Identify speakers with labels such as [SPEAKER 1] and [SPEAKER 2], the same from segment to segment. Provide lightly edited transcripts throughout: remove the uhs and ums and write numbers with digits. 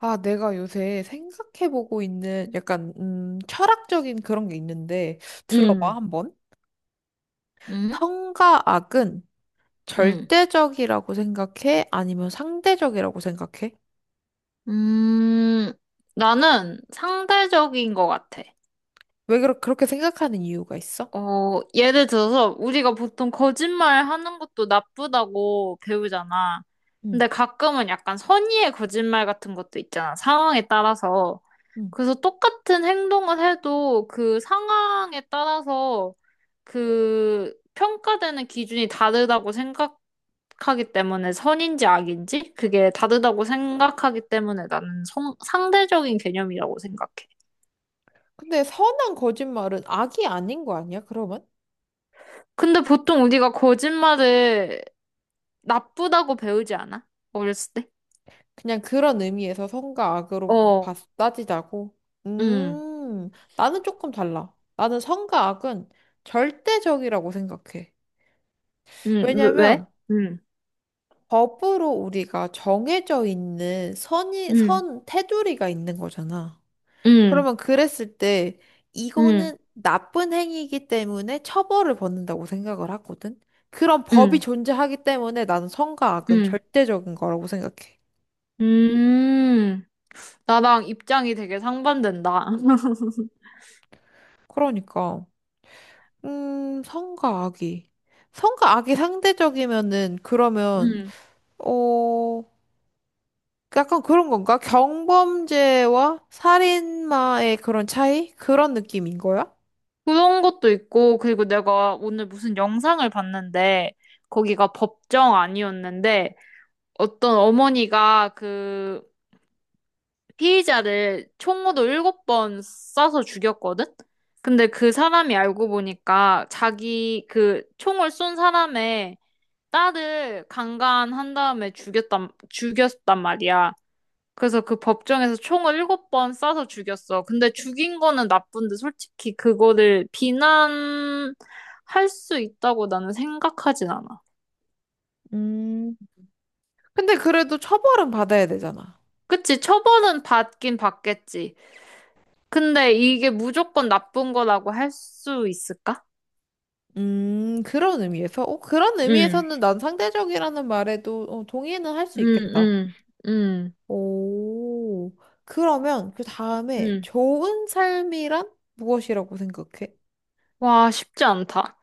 [SPEAKER 1] 아, 내가 요새 생각해보고 있는 약간, 철학적인 그런 게 있는데, 들어봐,
[SPEAKER 2] 음,
[SPEAKER 1] 한번.
[SPEAKER 2] 음,
[SPEAKER 1] 성과악은
[SPEAKER 2] 음,
[SPEAKER 1] 절대적이라고 생각해? 아니면 상대적이라고 생각해?
[SPEAKER 2] 음, 나는 상대적인 것 같아.
[SPEAKER 1] 그렇게 생각하는 이유가 있어?
[SPEAKER 2] 예를 들어서 우리가 보통 거짓말 하는 것도 나쁘다고 배우잖아.
[SPEAKER 1] 응.
[SPEAKER 2] 근데 가끔은 약간 선의의 거짓말 같은 것도 있잖아. 상황에 따라서.
[SPEAKER 1] 응.
[SPEAKER 2] 그래서 똑같은 행동을 해도 그 상황에 따라서 그 평가되는 기준이 다르다고 생각 하기 때문에 선인지 악인지 그게 다르다고 생각하기 때문에 나는 상대적인 개념이라고 생각해.
[SPEAKER 1] 근데 선한 거짓말은 악이 아닌 거 아니야, 그러면?
[SPEAKER 2] 근데 보통 우리가 거짓말을 나쁘다고 배우지 않아? 어렸을 때?
[SPEAKER 1] 그냥 그런 의미에서
[SPEAKER 2] 어,
[SPEAKER 1] 따지자고.
[SPEAKER 2] 응,
[SPEAKER 1] 음, 나는 조금 달라. 나는 선과 악은 절대적이라고 생각해.
[SPEAKER 2] 응, 왜?
[SPEAKER 1] 왜냐면,
[SPEAKER 2] 응,
[SPEAKER 1] 법으로 우리가 정해져 있는
[SPEAKER 2] 응,
[SPEAKER 1] 테두리가 있는 거잖아.
[SPEAKER 2] 응,
[SPEAKER 1] 그러면 그랬을 때
[SPEAKER 2] 응,
[SPEAKER 1] 이거는 나쁜 행위이기 때문에 처벌을 받는다고 생각을 하거든. 그런 법이
[SPEAKER 2] 응,
[SPEAKER 1] 존재하기 때문에 나는 선과 악은
[SPEAKER 2] 응,
[SPEAKER 1] 절대적인 거라고 생각해.
[SPEAKER 2] 음. 나랑 입장이 되게 상반된다.
[SPEAKER 1] 그러니까, 음, 선과 악이. 선과 악이 상대적이면은 그러면,
[SPEAKER 2] 음.
[SPEAKER 1] 어, 약간 그런 건가? 경범죄와 살인마의 그런 차이? 그런 느낌인 거야?
[SPEAKER 2] 그런 것도 있고, 그리고 내가 오늘 무슨 영상을 봤는데, 거기가 법정 아니었는데, 어떤 어머니가 그 피의자를 총으로 7번 쏴서 죽였거든? 근데 그 사람이 알고 보니까 자기 그 총을 쏜 사람의 딸을 강간한 다음에 죽였단 말이야. 그래서 그 법정에서 총을 7번 쏴서 죽였어. 근데 죽인 거는 나쁜데 솔직히 그거를 비난할 수 있다고 나는 생각하진 않아.
[SPEAKER 1] 음, 근데 그래도 처벌은 받아야 되잖아.
[SPEAKER 2] 그치? 처벌은 받긴 받겠지. 근데 이게 무조건 나쁜 거라고 할 수 있을까?
[SPEAKER 1] 그런 의미에서? 그런
[SPEAKER 2] 응,
[SPEAKER 1] 의미에서는 난 상대적이라는 말에도 동의는 할 수
[SPEAKER 2] 응,
[SPEAKER 1] 있겠다.
[SPEAKER 2] 응, 응,
[SPEAKER 1] 오, 그러면 그 다음에
[SPEAKER 2] 응.
[SPEAKER 1] 좋은 삶이란 무엇이라고 생각해?
[SPEAKER 2] 와, 쉽지 않다.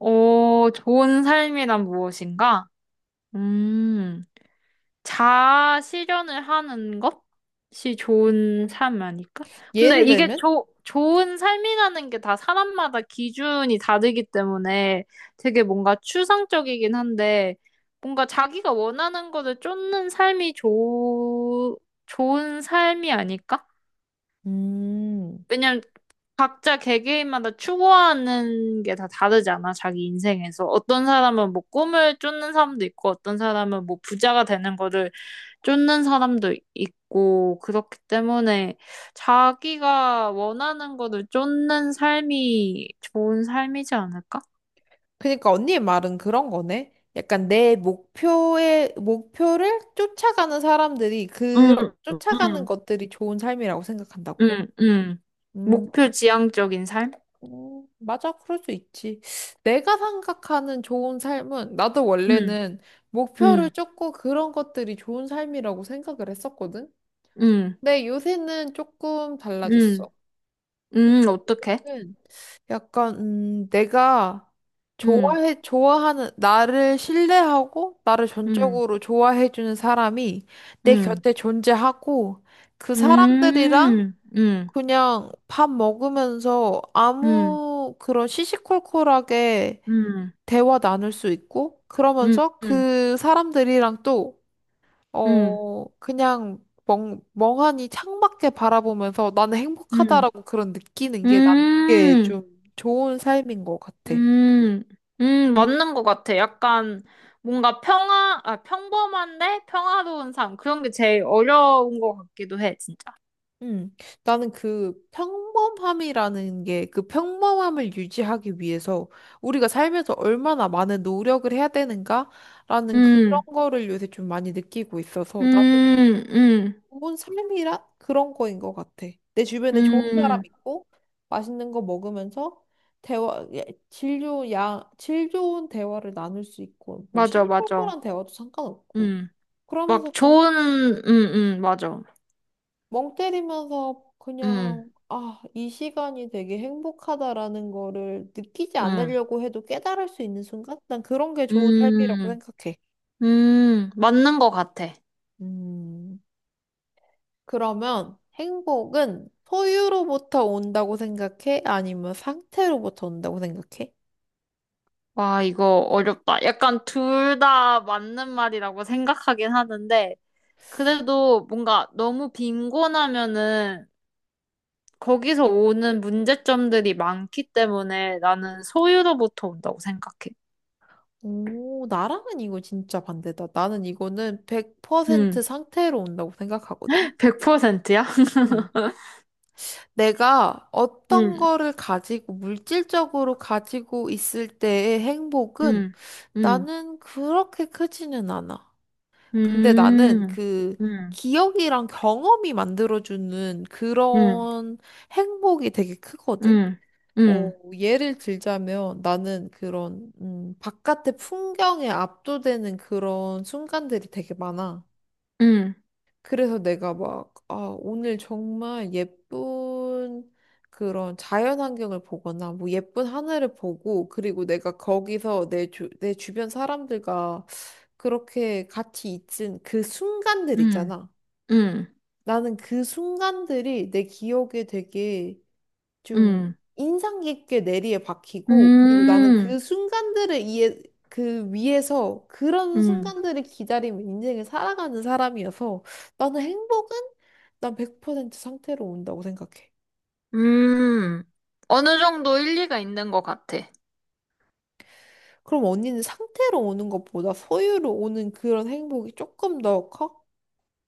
[SPEAKER 2] 오, 좋은 삶이란 무엇인가? 음. 자아실현을 하는 것이 좋은 삶 아닐까? 근데
[SPEAKER 1] 예를
[SPEAKER 2] 이게
[SPEAKER 1] 들면,
[SPEAKER 2] 좋은 삶이라는 게 다 사람마다 기준이 다르기 때문에 되게 뭔가 추상적이긴 한데 뭔가 자기가 원하는 거를 쫓는 삶이 좋은 삶이 아닐까?
[SPEAKER 1] 음,
[SPEAKER 2] 왜냐면 각자 개개인마다 추구하는 게 다 다르잖아, 자기 인생에서. 어떤 사람은 뭐 꿈을 쫓는 사람도 있고, 어떤 사람은 뭐 부자가 되는 거를 쫓는 사람도 있고, 그렇기 때문에 자기가 원하는 거를 쫓는 삶이 좋은 삶이지 않을까?
[SPEAKER 1] 그러니까 언니의 말은 그런 거네. 약간 목표를 쫓아가는 사람들이 그,
[SPEAKER 2] 응,
[SPEAKER 1] 쫓아가는
[SPEAKER 2] 응,
[SPEAKER 1] 것들이 좋은 삶이라고 생각한다고.
[SPEAKER 2] 응, 응.
[SPEAKER 1] 음.
[SPEAKER 2] 목표 지향적인 삶?
[SPEAKER 1] 맞아, 그럴 수 있지. 내가 생각하는 좋은 삶은, 나도
[SPEAKER 2] 응,
[SPEAKER 1] 원래는 목표를
[SPEAKER 2] 응,
[SPEAKER 1] 쫓고 그런 것들이 좋은 삶이라고 생각을 했었거든?
[SPEAKER 2] 응,
[SPEAKER 1] 근데 요새는 조금 달라졌어.
[SPEAKER 2] 응, 응, 어떡해?
[SPEAKER 1] 는 약간, 내가
[SPEAKER 2] 응,
[SPEAKER 1] 좋아하는, 나를 신뢰하고, 나를
[SPEAKER 2] 응,
[SPEAKER 1] 전적으로 좋아해주는 사람이 내
[SPEAKER 2] 응,
[SPEAKER 1] 곁에 존재하고, 그 사람들이랑
[SPEAKER 2] 응, 응,
[SPEAKER 1] 그냥 밥 먹으면서
[SPEAKER 2] 응, 응,
[SPEAKER 1] 아무 그런 시시콜콜하게
[SPEAKER 2] 응,
[SPEAKER 1] 대화 나눌 수 있고,
[SPEAKER 2] 응,
[SPEAKER 1] 그러면서 그 사람들이랑 또,
[SPEAKER 2] 응, 응,
[SPEAKER 1] 그냥 멍하니 창밖에 바라보면서 나는
[SPEAKER 2] 응,
[SPEAKER 1] 행복하다라고 그런 느끼는 게 난 그게
[SPEAKER 2] 응,
[SPEAKER 1] 좀 좋은 삶인 것 같아.
[SPEAKER 2] 음, 맞는 것 같아. 약간 뭔가 평범한데 평화로운 삶. 그런 게 제일 어려운 것 같기도 해, 진짜.
[SPEAKER 1] 음, 나는 그 평범함이라는 게 그 평범함을 유지하기 위해서 우리가 삶에서 얼마나 많은 노력을 해야 되는가라는 그런
[SPEAKER 2] 음,
[SPEAKER 1] 거를 요새 좀 많이 느끼고 있어서 나는
[SPEAKER 2] 음, 음,
[SPEAKER 1] 좋은 삶이란 그런 거인 것 같아. 내 주변에 좋은 사람
[SPEAKER 2] 음,
[SPEAKER 1] 있고 맛있는 거 먹으면서 대화, 예, 질 좋은 야, 질 좋은 대화를 나눌 수 있고 뭐
[SPEAKER 2] 맞아, 맞아.
[SPEAKER 1] 시시콜콜한 대화도 상관없고
[SPEAKER 2] 음,
[SPEAKER 1] 그러면서
[SPEAKER 2] 막
[SPEAKER 1] 그냥
[SPEAKER 2] 좋은, 맞아.
[SPEAKER 1] 멍 때리면서
[SPEAKER 2] 음,
[SPEAKER 1] 그냥 아, 이 시간이 되게 행복하다라는 거를 느끼지
[SPEAKER 2] 음,
[SPEAKER 1] 않으려고 해도 깨달을 수 있는 순간? 난 그런 게 좋은 삶이라고
[SPEAKER 2] 음,
[SPEAKER 1] 생각해.
[SPEAKER 2] 맞는 것 같아.
[SPEAKER 1] 음. 그러면 행복은 소유로부터 온다고 생각해? 아니면 상태로부터 온다고 생각해?
[SPEAKER 2] 와, 이거 어렵다. 약간 둘 다 맞는 말이라고 생각하긴 하는데, 그래도 뭔가 너무 빈곤하면은 거기서 오는 문제점들이 많기 때문에 나는 소유로부터 온다고 생각해.
[SPEAKER 1] 오, 나랑은 이거 진짜 반대다. 나는 이거는 100%
[SPEAKER 2] 음,
[SPEAKER 1] 상태로 온다고 생각하거든.
[SPEAKER 2] 100%야?
[SPEAKER 1] 음. 내가 어떤
[SPEAKER 2] 음,
[SPEAKER 1] 거를 가지고, 물질적으로 가지고 있을 때의 행복은
[SPEAKER 2] 음, 음,
[SPEAKER 1] 나는 그렇게 크지는 않아. 근데 나는
[SPEAKER 2] 음,
[SPEAKER 1] 그
[SPEAKER 2] 음,
[SPEAKER 1] 기억이랑 경험이 만들어주는
[SPEAKER 2] 음,
[SPEAKER 1] 그런 행복이 되게 크거든.
[SPEAKER 2] 음, 음,
[SPEAKER 1] 뭐 예를 들자면 나는 그런 바깥의 풍경에 압도되는 그런 순간들이 되게 많아.
[SPEAKER 2] 음,
[SPEAKER 1] 그래서 내가 막 아, 오늘 정말 예쁜 그런 자연 환경을 보거나 뭐 예쁜 하늘을 보고 그리고 내가 거기서 내 주변 사람들과 그렇게 같이 있은 그 순간들
[SPEAKER 2] 음,
[SPEAKER 1] 있잖아.
[SPEAKER 2] 음,
[SPEAKER 1] 나는 그 순간들이 내 기억에 되게 좀
[SPEAKER 2] 음,
[SPEAKER 1] 인상 깊게 내리에 박히고 그리고 나는
[SPEAKER 2] 음,
[SPEAKER 1] 그 순간들을 이해 그 위에서 그런
[SPEAKER 2] 음.
[SPEAKER 1] 순간들을 기다리며 인생을 살아가는 사람이어서 나는 행복은 난 100% 상태로 온다고 생각해.
[SPEAKER 2] 음, 어느 정도 일리가 있는 것 같아.
[SPEAKER 1] 그럼 언니는 상태로 오는 것보다 소유로 오는 그런 행복이 조금 더 커?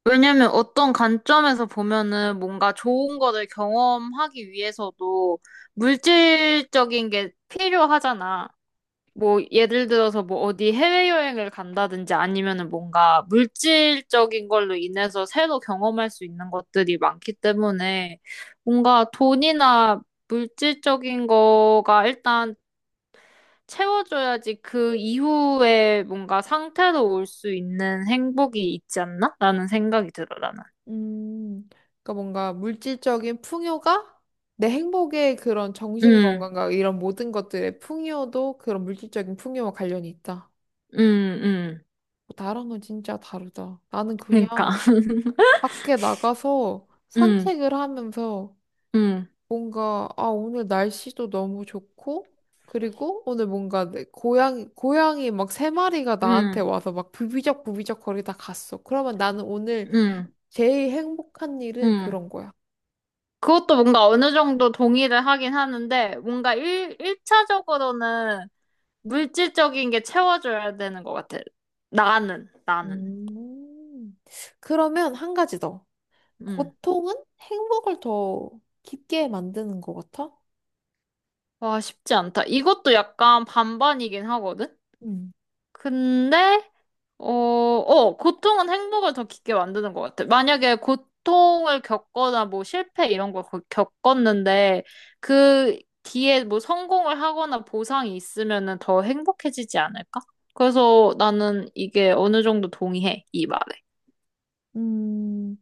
[SPEAKER 2] 왜냐면 어떤 관점에서 보면은 뭔가 좋은 거를 경험하기 위해서도 물질적인 게 필요하잖아. 뭐 예를 들어서 뭐 어디 해외여행을 간다든지 아니면은 뭔가 물질적인 걸로 인해서 새로 경험할 수 있는 것들이 많기 때문에 뭔가 돈이나 물질적인 거가 일단 채워줘야지 그 이후에 뭔가 상태로 올 수 있는 행복이 있지 않나? 라는 생각이 들어, 나는.
[SPEAKER 1] 음, 그러니까 뭔가 물질적인 풍요가 내 행복의 그런 정신
[SPEAKER 2] 응,
[SPEAKER 1] 건강과 이런 모든 것들의 풍요도 그런 물질적인 풍요와 관련이 있다.
[SPEAKER 2] 응, 응.
[SPEAKER 1] 어, 나랑은 진짜 다르다. 나는
[SPEAKER 2] 그러니까.
[SPEAKER 1] 그냥 밖에 나가서
[SPEAKER 2] 응,
[SPEAKER 1] 산책을 하면서
[SPEAKER 2] 응,
[SPEAKER 1] 뭔가, 아, 오늘 날씨도 너무 좋고, 그리고 오늘 뭔가 고양이 막 세 마리가 나한테
[SPEAKER 2] 응,
[SPEAKER 1] 와서 막 부비적 부비적 거리다 갔어. 그러면 나는 오늘
[SPEAKER 2] 응,
[SPEAKER 1] 제일 행복한 일은
[SPEAKER 2] 응.
[SPEAKER 1] 그런 거야.
[SPEAKER 2] 그것도 뭔가 어느 정도 동의를 하긴 하는데, 뭔가 일차적으로는 물질적인 게 채워줘야 되는 것 같아. 나는.
[SPEAKER 1] 음. 그러면 한 가지 더.
[SPEAKER 2] 응.
[SPEAKER 1] 고통은 행복을 더 깊게 만드는 것 같아?
[SPEAKER 2] 와, 쉽지 않다. 이것도 약간 반반이긴 하거든? 근데, 고통은 행복을 더 깊게 만드는 것 같아. 만약에 고통을 겪거나 뭐 실패 이런 걸 겪었는데 그 뒤에 뭐 성공을 하거나 보상이 있으면은 더 행복해지지 않을까? 그래서 나는 이게 어느 정도 동의해, 이 말에.
[SPEAKER 1] 음,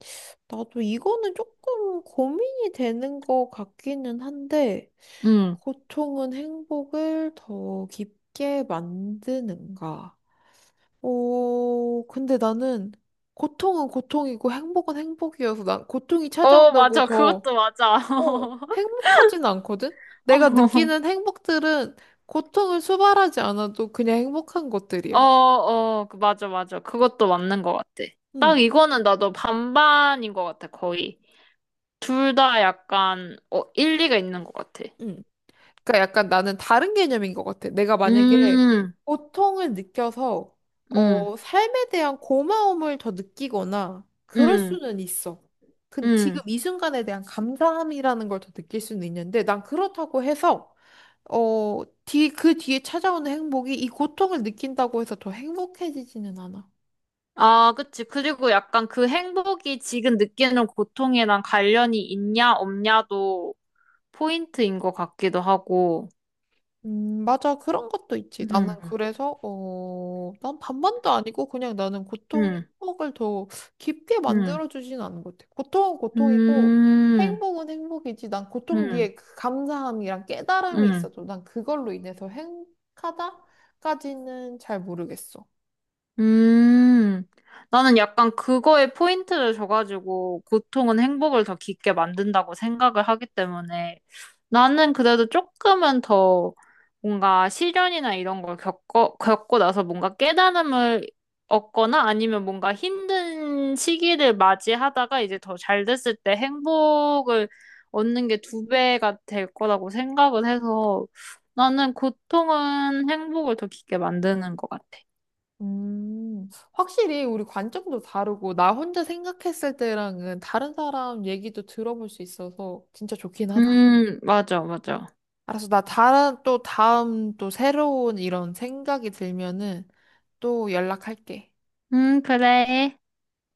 [SPEAKER 1] 나도 이거는 조금 고민이 되는 것 같기는 한데,
[SPEAKER 2] 응.
[SPEAKER 1] 고통은 행복을 더 깊게 만드는가? 근데 나는 고통은 고통이고 행복은 행복이어서 난 고통이
[SPEAKER 2] 어,
[SPEAKER 1] 찾아온다고
[SPEAKER 2] 맞아.
[SPEAKER 1] 더,
[SPEAKER 2] 그것도 맞아.
[SPEAKER 1] 어, 행복하진 않거든? 내가 느끼는 행복들은 고통을 수발하지 않아도 그냥 행복한
[SPEAKER 2] 어,
[SPEAKER 1] 것들이야.
[SPEAKER 2] 어, 맞아, 맞아. 그것도 맞는 것 같아. 딱
[SPEAKER 1] 응,
[SPEAKER 2] 이거는 나도 반반인 것 같아, 거의. 둘 다 약간, 일리가 있는 것 같아.
[SPEAKER 1] 응. 그러니까 약간 나는 다른 개념인 것 같아. 내가 만약에
[SPEAKER 2] 음,
[SPEAKER 1] 고통을 느껴서
[SPEAKER 2] 음,
[SPEAKER 1] 삶에 대한 고마움을 더 느끼거나 그럴
[SPEAKER 2] 음,
[SPEAKER 1] 수는 있어. 근 지금
[SPEAKER 2] 음.
[SPEAKER 1] 이 순간에 대한 감사함이라는 걸 더 느낄 수는 있는데 난 그렇다고 해서 그 뒤에 찾아오는 행복이 이 고통을 느낀다고 해서 더 행복해지지는 않아.
[SPEAKER 2] 아, 그치. 그리고 약간 그 행복이 지금 느끼는 고통이랑 관련이 있냐, 없냐도 포인트인 것 같기도 하고.
[SPEAKER 1] 맞아. 그런 것도 있지. 나는
[SPEAKER 2] 음,
[SPEAKER 1] 그래서, 난 반반도 아니고 그냥 나는 고통이
[SPEAKER 2] 음,
[SPEAKER 1] 행복을 더 깊게
[SPEAKER 2] 음,
[SPEAKER 1] 만들어주진 않은 것 같아. 고통은 고통이고
[SPEAKER 2] 음,
[SPEAKER 1] 행복은 행복이지. 난 고통
[SPEAKER 2] 음,
[SPEAKER 1] 뒤에 그 감사함이랑 깨달음이
[SPEAKER 2] 음.
[SPEAKER 1] 있어도 난 그걸로 인해서 행복하다까지는 잘 모르겠어.
[SPEAKER 2] 음, 나는 약간 그거에 포인트를 줘가지고 고통은 행복을 더 깊게 만든다고 생각을 하기 때문에 나는 그래도 조금은 더 뭔가 시련이나 이런 걸 겪고 나서 뭔가 깨달음을 얻거나 아니면 뭔가 힘든 시기를 맞이하다가 이제 더 잘 됐을 때 행복을 얻는 게 두 배가 될 거라고 생각을 해서 나는 고통은 행복을 더 깊게 만드는 것 같아.
[SPEAKER 1] 확실히 우리 관점도 다르고 나 혼자 생각했을 때랑은 다른 사람 얘기도 들어볼 수 있어서 진짜 좋긴 하다.
[SPEAKER 2] 맞아, 맞아.
[SPEAKER 1] 알았어. 나 다른 또 다음 또 새로운 이런 생각이 들면은 또 연락할게.
[SPEAKER 2] 그래.